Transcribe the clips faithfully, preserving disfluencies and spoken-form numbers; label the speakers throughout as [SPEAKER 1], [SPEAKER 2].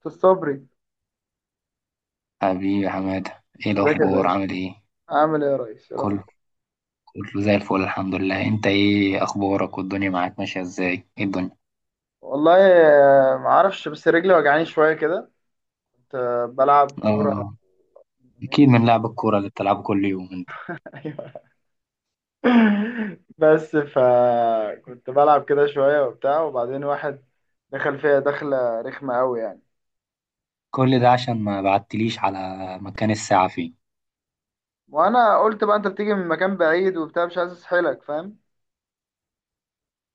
[SPEAKER 1] في الصبري.
[SPEAKER 2] حبيبي يا حمادة، ايه
[SPEAKER 1] ازيك يا
[SPEAKER 2] الأخبار؟
[SPEAKER 1] باشا؟
[SPEAKER 2] عامل ايه؟
[SPEAKER 1] عامل ايه يا ريس، ايه
[SPEAKER 2] كله
[SPEAKER 1] الاخبار؟
[SPEAKER 2] كله زي الفل الحمد لله. انت ايه أخبارك والدنيا معاك ماشية ازاي؟ ايه الدنيا؟
[SPEAKER 1] والله آه، ما اعرفش بس رجلي وجعاني شويه كده. كنت بلعب كوره
[SPEAKER 2] أم،
[SPEAKER 1] من
[SPEAKER 2] أكيد
[SPEAKER 1] يومين.
[SPEAKER 2] من لعب الكورة اللي بتلعبه كل يوم انت.
[SPEAKER 1] ايوه، بس فكنت بلعب كده شويه وبتاع، وبعدين واحد دخل فيها دخله رخمه قوي يعني.
[SPEAKER 2] كل ده عشان ما بعتليش على مكان الساعة فين.
[SPEAKER 1] وانا قلت بقى انت بتيجي من مكان بعيد وبتاع، مش عايز اسحلك، فاهم؟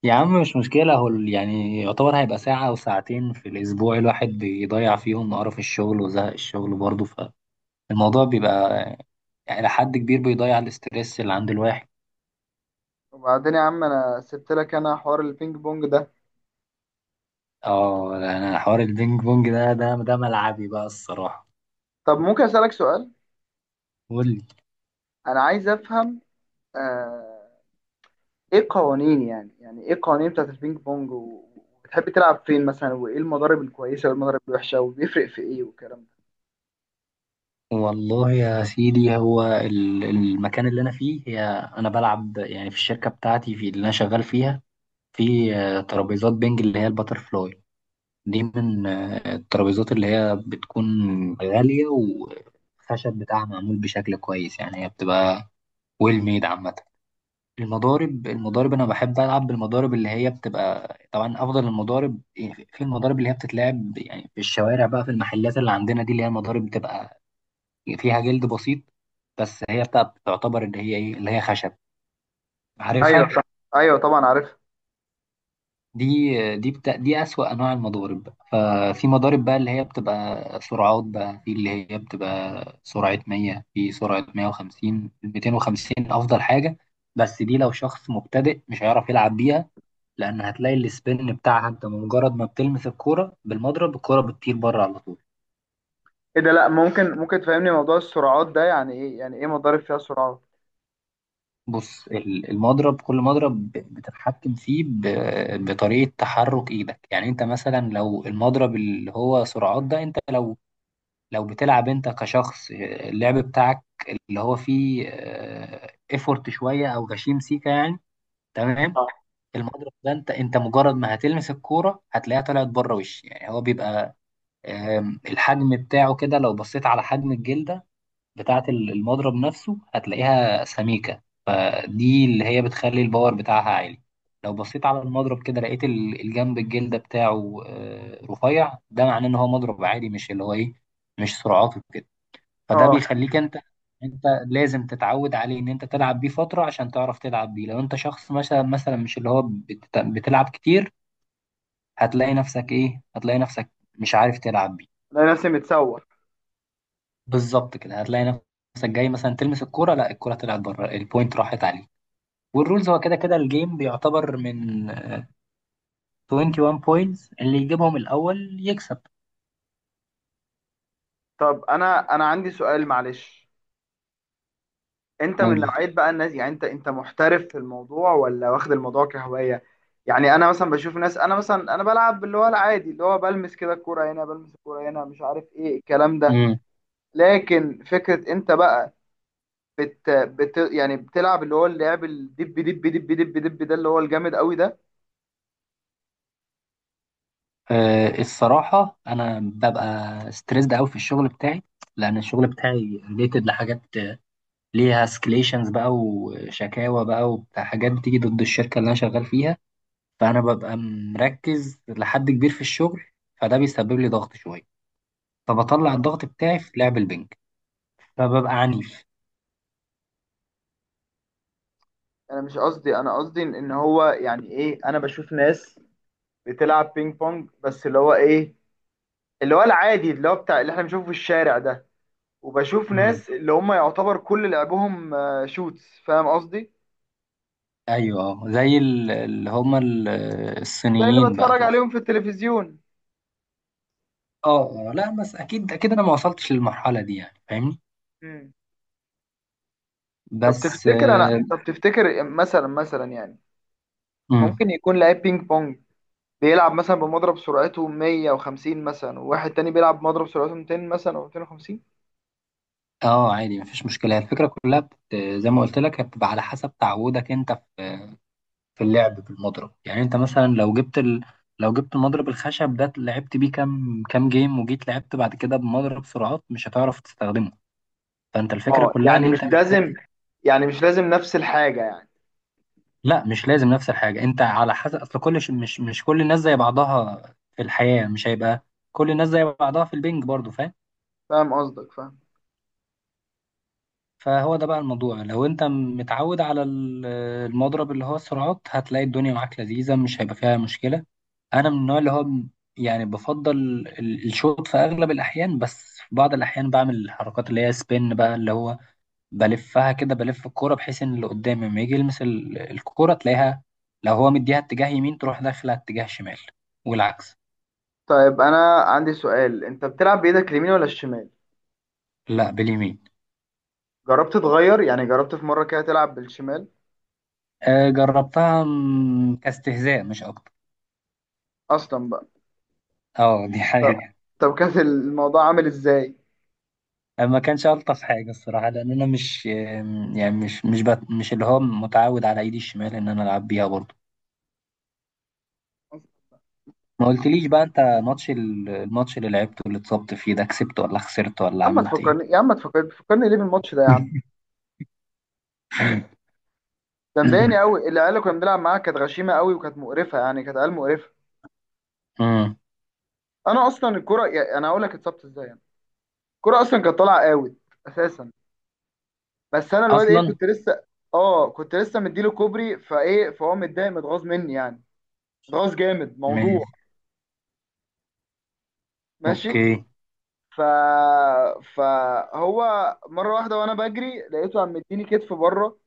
[SPEAKER 2] يا عم مش مشكلة، هو ال- يعني يعتبر هيبقى ساعة أو ساعتين في الأسبوع الواحد بيضيع فيهم قرف الشغل وزهق الشغل برضه، فالموضوع بيبقى يعني إلى حد كبير بيضيع الاسترس اللي عند الواحد.
[SPEAKER 1] وبعدين يا عم انا سبت لك انا حوار البينج بونج ده.
[SPEAKER 2] اه انا حوار البينج بونج ده ده ده ملعبي بقى الصراحة.
[SPEAKER 1] طب ممكن اسالك سؤال؟
[SPEAKER 2] قول لي.
[SPEAKER 1] انا عايز افهم، آه، ايه القوانين، يعني يعني ايه القوانين بتاعت البينج بونج و- وبتحب تلعب فين مثلا، وايه المضارب الكويسه والمضارب الوحشه، وبيفرق في ايه والكلام ده.
[SPEAKER 2] والله يا سيدي هو ال- المكان اللي انا فيه هي، انا بلعب يعني في الشركه بتاعتي في اللي انا شغال فيها،
[SPEAKER 1] مم.
[SPEAKER 2] في آه، ترابيزات بنج اللي هي الباتر فلاي. دي من آه، الترابيزات اللي هي بتكون غاليه والخشب بتاعها معمول بشكل كويس، يعني هي بتبقى ويل ميد عامه. المضارب، المضارب انا بحب العب بالمضارب اللي هي بتبقى طبعا افضل المضارب، يعني في المضارب اللي هي بتتلعب يعني في الشوارع بقى، في المحلات اللي عندنا دي اللي هي مضارب بتبقى فيها جلد بسيط، بس هي بتاعت تعتبر ان هي ايه اللي هي خشب،
[SPEAKER 1] ايوه
[SPEAKER 2] عارفها.
[SPEAKER 1] صح، ايوه طبعا عارف.
[SPEAKER 2] دي دي بتا... دي اسوأ انواع المضارب. ففي مضارب بقى اللي هي بتبقى سرعات بقى، في اللي هي بتبقى سرعة مية، في سرعة مية وخمسين، ميتين وخمسين افضل حاجة. بس دي لو شخص مبتدئ مش هيعرف يلعب بيها، لان هتلاقي السبين بتاعها انت مجرد ما بتلمس الكورة بالمضرب الكورة بتطير بره على طول.
[SPEAKER 1] ايه ده، لا، ممكن ممكن تفهمني موضوع السرعات ده يعني ايه؟ يعني ايه مضارب فيها سرعات؟
[SPEAKER 2] بص ال- المضرب، كل مضرب ب- بتتحكم فيه ب- بطريقة تحرك ايدك. يعني انت مثلا لو المضرب اللي هو سرعات ده، انت لو لو بتلعب انت كشخص آه، اللعب بتاعك اللي هو فيه ايفورت شوية او غشيم سيكا يعني، تمام.
[SPEAKER 1] اه
[SPEAKER 2] المضرب ده انت انت مجرد ما هتلمس الكورة هتلاقيها طلعت بره وش، يعني هو بيبقى آم، الحجم بتاعه كده، لو بصيت على حجم الجلدة بتاعة ال- المضرب نفسه هتلاقيها سميكة، فدي اللي هي بتخلي الباور بتاعها عالي. لو بصيت على المضرب كده لقيت ال- الجنب الجلدة بتاعه آه، رفيع، ده معناه ان هو مضرب عادي مش اللي هو ايه، مش سرعاته كده. فده
[SPEAKER 1] اه.
[SPEAKER 2] بيخليك انت، انت لازم تتعود عليه ان انت تلعب بيه فترة عشان تعرف تلعب بيه. لو انت شخص مثلا مثلا مش اللي هو بت- بتلعب كتير هتلاقي نفسك ايه، هتلاقي نفسك مش عارف تلعب بيه.
[SPEAKER 1] لا ناسي متسوح.
[SPEAKER 2] بالظبط كده، هتلاقي نفسك جاي مثلا تلمس الكوره، لا الكوره طلعت بره البوينت راحت عليه. والرولز هو كده كده الجيم بيعتبر من واحد وعشرين بوينتس، اللي يجيبهم الاول يكسب.
[SPEAKER 1] طب انا انا عندي سؤال معلش. انت من
[SPEAKER 2] قول.
[SPEAKER 1] نوعيه بقى الناس، يعني انت انت محترف في الموضوع ولا واخد الموضوع كهوايه؟ يعني انا مثلا بشوف ناس، انا مثلا انا بلعب اللي هو العادي، اللي هو بلمس كده الكوره هنا، بلمس الكوره هنا، مش عارف ايه الكلام ده.
[SPEAKER 2] امم.
[SPEAKER 1] لكن فكرة انت بقى بت... بت... يعني بتلعب اللي هو اللعب الدب دب دب دب دب ده، اللي هو الجامد قوي ده.
[SPEAKER 2] أه الصراحه انا ببقى ستريسد قوي في الشغل بتاعي، لان الشغل بتاعي ريليتد لحاجات ليها اسكليشنز بقى وشكاوى بقى وبتاع، حاجات بتيجي ضد الشركه اللي انا شغال فيها. فانا ببقى مركز لحد كبير في الشغل، فده بيسبب لي ضغط شويه، فبطلع
[SPEAKER 1] اه
[SPEAKER 2] الضغط بتاعي في لعب البنج، فببقى عنيف.
[SPEAKER 1] انا مش قصدي، انا قصدي ان إن هو يعني ايه، انا بشوف ناس بتلعب بينج بونج بس اللي هو ايه، اللي هو العادي اللي هو بتاع اللي احنا بنشوفه في الشارع ده، وبشوف
[SPEAKER 2] امم.
[SPEAKER 1] ناس اللي هم يعتبر كل لعبهم آه، شوتس، فاهم قصدي؟
[SPEAKER 2] ايوه، اه، زي ال- اللي هما ال-
[SPEAKER 1] زي اللي
[SPEAKER 2] الصينيين بقى
[SPEAKER 1] بتفرج
[SPEAKER 2] تقصد.
[SPEAKER 1] عليهم في التلفزيون.
[SPEAKER 2] اه اه لا بس اكيد اكيد انا ما وصلتش للمرحله دي يعني فاهمني.
[SPEAKER 1] مم. طب
[SPEAKER 2] بس
[SPEAKER 1] تفتكر انا،
[SPEAKER 2] اه.
[SPEAKER 1] طب تفتكر مثلا، مثلا يعني
[SPEAKER 2] مم.
[SPEAKER 1] ممكن يكون لعيب بينج بونج بيلعب مثلا بمضرب سرعته مية وخمسين مثلا، وواحد تاني بيلعب بمضرب سرعته ميتين مثلا او ميتين وخمسين؟
[SPEAKER 2] آه، عادي مفيش مشكله، هي الفكره كلها بت... زي ما قلت لك هي بتبقى على حسب تعودك انت في في اللعب بالمضرب. يعني انت مثلا لو جبت ال... لو جبت المضرب الخشب ده لعبت بيه كام كام جيم وجيت لعبت بعد كده بمضرب سرعات مش هتعرف تستخدمه، فانت الفكره
[SPEAKER 1] اه
[SPEAKER 2] كلها ان
[SPEAKER 1] يعني مش
[SPEAKER 2] انت
[SPEAKER 1] لازم،
[SPEAKER 2] محتاج.
[SPEAKER 1] يعني مش لازم نفس الحاجة يعني.
[SPEAKER 2] لا مش لازم نفس الحاجة، انت على حسب اصل كل ش... مش مش كل الناس زي بعضها في الحياة، مش هيبقى كل الناس زي بعضها في البنج برضو، فاهم.
[SPEAKER 1] فاهم قصدك، فاهم.
[SPEAKER 2] فهو ده بقى الموضوع، لو انت متعود على ال- المضرب اللي هو السرعات هتلاقي الدنيا معاك لذيذة مش هيبقى فيها مشكلة. انا من النوع اللي هو م- يعني بفضل ال- الشوط في اغلب الاحيان، بس في بعض الاحيان بعمل الحركات اللي هي سبين بقى اللي هو بلفها كده، بلف الكورة بحيث ان اللي قدامي لما يجي يلمس ال- الكورة تلاقيها، لو هو مديها اتجاه يمين تروح داخلة اتجاه شمال، والعكس.
[SPEAKER 1] طيب انا عندي سؤال، انت بتلعب بايدك اليمين ولا الشمال؟
[SPEAKER 2] لا، باليمين.
[SPEAKER 1] جربت تغير، يعني جربت في مرة كده تلعب بالشمال؟
[SPEAKER 2] آه، جربتها م- كاستهزاء مش اكتر.
[SPEAKER 1] اصلا بقى.
[SPEAKER 2] اه دي
[SPEAKER 1] طب
[SPEAKER 2] حقيقة.
[SPEAKER 1] طب كان الموضوع عامل ازاي؟
[SPEAKER 2] آه، ما كانش الطف حاجة الصراحة، لان انا مش آم، يعني مش مش بت... مش اللي هو متعود على ايدي الشمال ان انا العب بيها برضه. ما قلتليش بقى انت، ماتش ال- الماتش اللي لعبته اللي اتصبت فيه ده، كسبت ولا خسرت ولا
[SPEAKER 1] يا عم ما
[SPEAKER 2] عملت ايه؟
[SPEAKER 1] تفكرني، يا عم ما تفكرني، تفكرني ليه بالماتش ده يا عم؟ ده مضايقني قوي. العيال اللي كنا بنلعب معاها كانت غشيمة قوي وكانت مقرفة، يعني كانت عيال مقرفة.
[SPEAKER 2] مم.
[SPEAKER 1] انا اصلا الكرة، يعني انا هقول لك اتصبت ازاي يعني. الكرة اصلا كانت طالعه اوت اساسا، بس انا الواد ايه
[SPEAKER 2] اصلا.
[SPEAKER 1] كنت لسه، اه كنت لسه مديله كوبري فايه، فهو متضايق متغاظ مني يعني، متغاظ جامد موضوع. ماشي.
[SPEAKER 2] اوكي.
[SPEAKER 1] ف فهو مره واحده وانا بجري لقيته عم مديني كتف بره.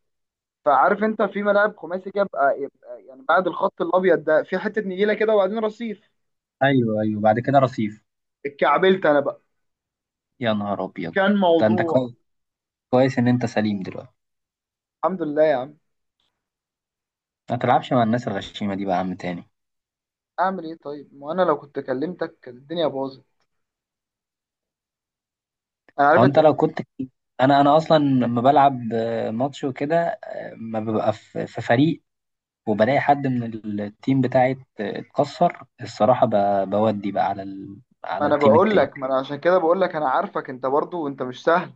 [SPEAKER 1] فعارف انت في ملاعب خماسي كده بقى، يبقى يعني بعد الخط الابيض ده في حته نجيله كده وبعدين رصيف.
[SPEAKER 2] ايوه ايوه بعد كده رصيف.
[SPEAKER 1] اتكعبلت انا بقى.
[SPEAKER 2] يا نهار ابيض.
[SPEAKER 1] كان
[SPEAKER 2] ده انت
[SPEAKER 1] موضوع.
[SPEAKER 2] كويس، كويس ان انت سليم دلوقتي.
[SPEAKER 1] الحمد لله يا عم.
[SPEAKER 2] ما تلعبش مع الناس الغشيمه دي بقى يا عم تاني.
[SPEAKER 1] اعمل ايه طيب، ما انا لو كنت كلمتك كانت الدنيا باظت. انا
[SPEAKER 2] هو
[SPEAKER 1] عارف،
[SPEAKER 2] انت لو كنت، انا انا اصلا لما بلعب آه، ماتش وكده آه، ما ببقى في في فريق وبلاقي حد من التيم بتاعي ات- اتكسر الصراحه ب- بودي بقى على ال...
[SPEAKER 1] ما
[SPEAKER 2] على
[SPEAKER 1] انا
[SPEAKER 2] التيم
[SPEAKER 1] بقول
[SPEAKER 2] التاني.
[SPEAKER 1] لك، ما انا عشان كده بقول لك انا عارفك، انت برضو انت مش سهل.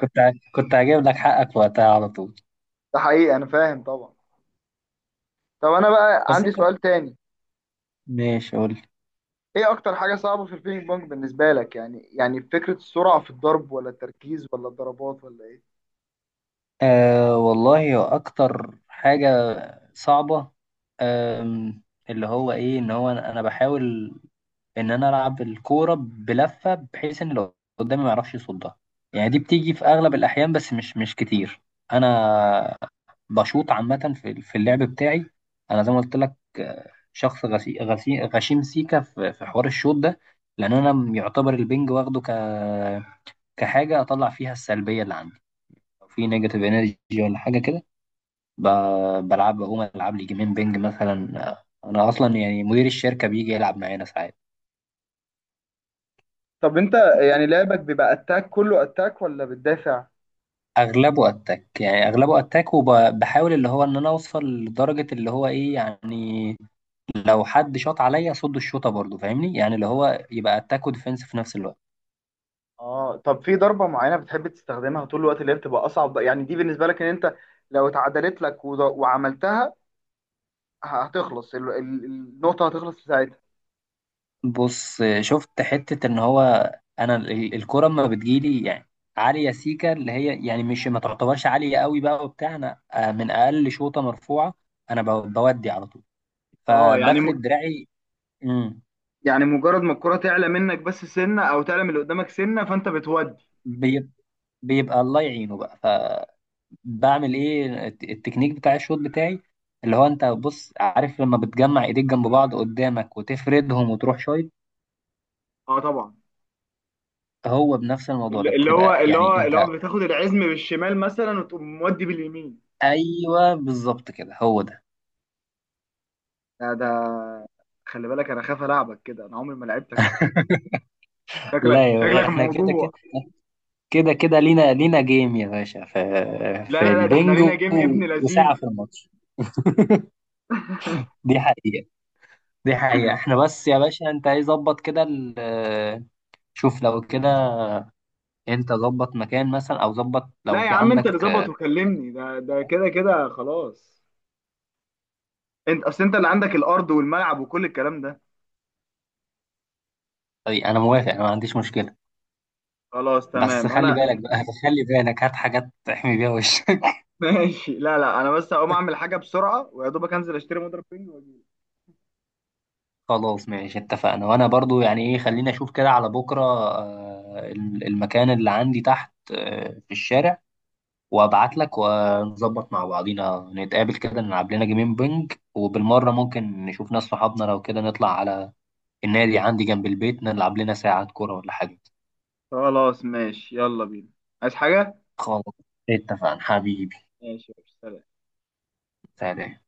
[SPEAKER 2] كنت ع- كنت هجيب لك حقك وقتها على طول.
[SPEAKER 1] ده حقيقي، انا فاهم طبعا. طب انا بقى
[SPEAKER 2] بس
[SPEAKER 1] عندي
[SPEAKER 2] انت،
[SPEAKER 1] سؤال تاني،
[SPEAKER 2] ماشي قول.
[SPEAKER 1] ايه اكتر حاجة صعبة في البينج بونج بالنسبة لك؟ يعني يعني فكرة السرعة في الضرب ولا التركيز ولا الضربات ولا ايه؟
[SPEAKER 2] أه والله هو أكتر حاجة صعبة، أم، اللي هو إيه، إن هو أنا أنا بحاول إن أنا ألعب الكورة بلفة بحيث إن اللي قدامي ما يعرفش يصدها، يعني دي بتيجي في أغلب الأحيان بس مش مش كتير. أنا بشوط عامة في في اللعب بتاعي، أنا زي ما قلت لك آه، شخص غسي غسي غشيم سيكا في في حوار الشوط ده، لأن أنا يعتبر البنج واخده ك كحاجة أطلع فيها السلبية اللي عندي، لو في نيجاتيف إنرجي ولا حاجة كده ب- بلعب. هو العب لي جيمين بينج مثلا، آه، انا اصلا يعني مدير الشركه بيجي يلعب معانا ساعات.
[SPEAKER 1] طب انت يعني لعبك بيبقى اتاك كله اتاك ولا بتدافع؟
[SPEAKER 2] اغلبه اتاك، يعني اغلبه اتاك وبحاول اللي هو ان انا اوصل لدرجه اللي هو ايه يعني، لو حد شاط عليا اصد الشوطه برضه فاهمني، يعني اللي هو يبقى اتاك وديفenس في نفس الوقت.
[SPEAKER 1] اه طب في ضربة معينة بتحب تستخدمها طول الوقت اللي هي بتبقى أصعب بقى؟ يعني دي بالنسبة لك إن أنت لو اتعدلت لك وض- وعملتها هتخلص ال- ال- النقطة، هتخلص في ساعتها.
[SPEAKER 2] بص آه، شفت حته ان هو، انا ال- الكره اما بتجيلي، يعني عاليه سيكا اللي هي يعني مش ما تعتبرش عاليه قوي بقى وبتاع، انا آه، من اقل شوطه مرفوعه انا ب- بودي على طول،
[SPEAKER 1] اه يعني،
[SPEAKER 2] فبفرد دراعي. امم.
[SPEAKER 1] يعني مجرد ما الكرة تعلى منك بس سنة او تعلى من اللي قدامك سنة فانت بتودي.
[SPEAKER 2] بيب- بيبقى الله يعينه بقى، فبعمل ايه الت- التكنيك بتاع الشوط بتاعي اللي هو، انت بص عارف لما بتجمع ايديك جنب بعض قدامك وتفردهم وتروح شايط،
[SPEAKER 1] اه طبعا.
[SPEAKER 2] هو بنفس الموضوع ده،
[SPEAKER 1] اللي اللي هو
[SPEAKER 2] بتبقى
[SPEAKER 1] اللي
[SPEAKER 2] يعني
[SPEAKER 1] هو اللي
[SPEAKER 2] انت.
[SPEAKER 1] هو بتاخد العزم بالشمال مثلا وتقوم مودي باليمين.
[SPEAKER 2] ايوه بالظبط كده، هو ده.
[SPEAKER 1] ده ده خلي بالك، انا خاف العبك كده، انا عمري ما لعبتك اصلا. شكلك
[SPEAKER 2] لا يا باشا،
[SPEAKER 1] شكلك
[SPEAKER 2] احنا كده
[SPEAKER 1] موضوع.
[SPEAKER 2] كده، كده كده لينا لينا جيم يا باشا، في
[SPEAKER 1] لا
[SPEAKER 2] في
[SPEAKER 1] لا لا، ده احنا
[SPEAKER 2] البنج
[SPEAKER 1] لينا
[SPEAKER 2] و-
[SPEAKER 1] جيم ابن
[SPEAKER 2] وساعة
[SPEAKER 1] لذينه.
[SPEAKER 2] في الماتش، دي حقيقة، دي حقيقة. احنا بس يا باشا انت ايه ظبط كده، شوف لو كده انت ظبط مكان مثلا او ظبط لو
[SPEAKER 1] لا يا
[SPEAKER 2] في
[SPEAKER 1] عم، انت اللي
[SPEAKER 2] عندك
[SPEAKER 1] ظبط
[SPEAKER 2] آه،
[SPEAKER 1] وكلمني ده، ده كده كده خلاص. انت اصل انت اللي عندك الارض والملعب وكل الكلام ده.
[SPEAKER 2] طريق، انا موافق، انا ما عنديش مشكلة.
[SPEAKER 1] خلاص
[SPEAKER 2] بس
[SPEAKER 1] تمام
[SPEAKER 2] خلي
[SPEAKER 1] انا.
[SPEAKER 2] بالك بقى. خلي بالك، هات حاجات تحمي بيها وشك.
[SPEAKER 1] ماشي، لا لا، انا بس هقوم اعمل حاجه بسرعه ويا دوبك انزل اشتري مضرب بينج واجي.
[SPEAKER 2] خلاص ماشي اتفقنا، وانا برضو يعني ايه، خليني اشوف كده على بكرة آه، ال- المكان اللي عندي تحت آه، في الشارع، وابعت لك ونظبط مع بعضينا نتقابل كده نلعب لنا جيمين بنج، وبالمرة ممكن نشوف ناس صحابنا لو كده نطلع على النادي عندي جنب البيت نلعب لنا ساعة كورة ولا حاجة.
[SPEAKER 1] خلاص ماشي يلا بينا. عايز حاجة؟
[SPEAKER 2] خلاص، اتفقنا حبيبي.
[SPEAKER 1] ماشي يا باشا، سلام.
[SPEAKER 2] سلام.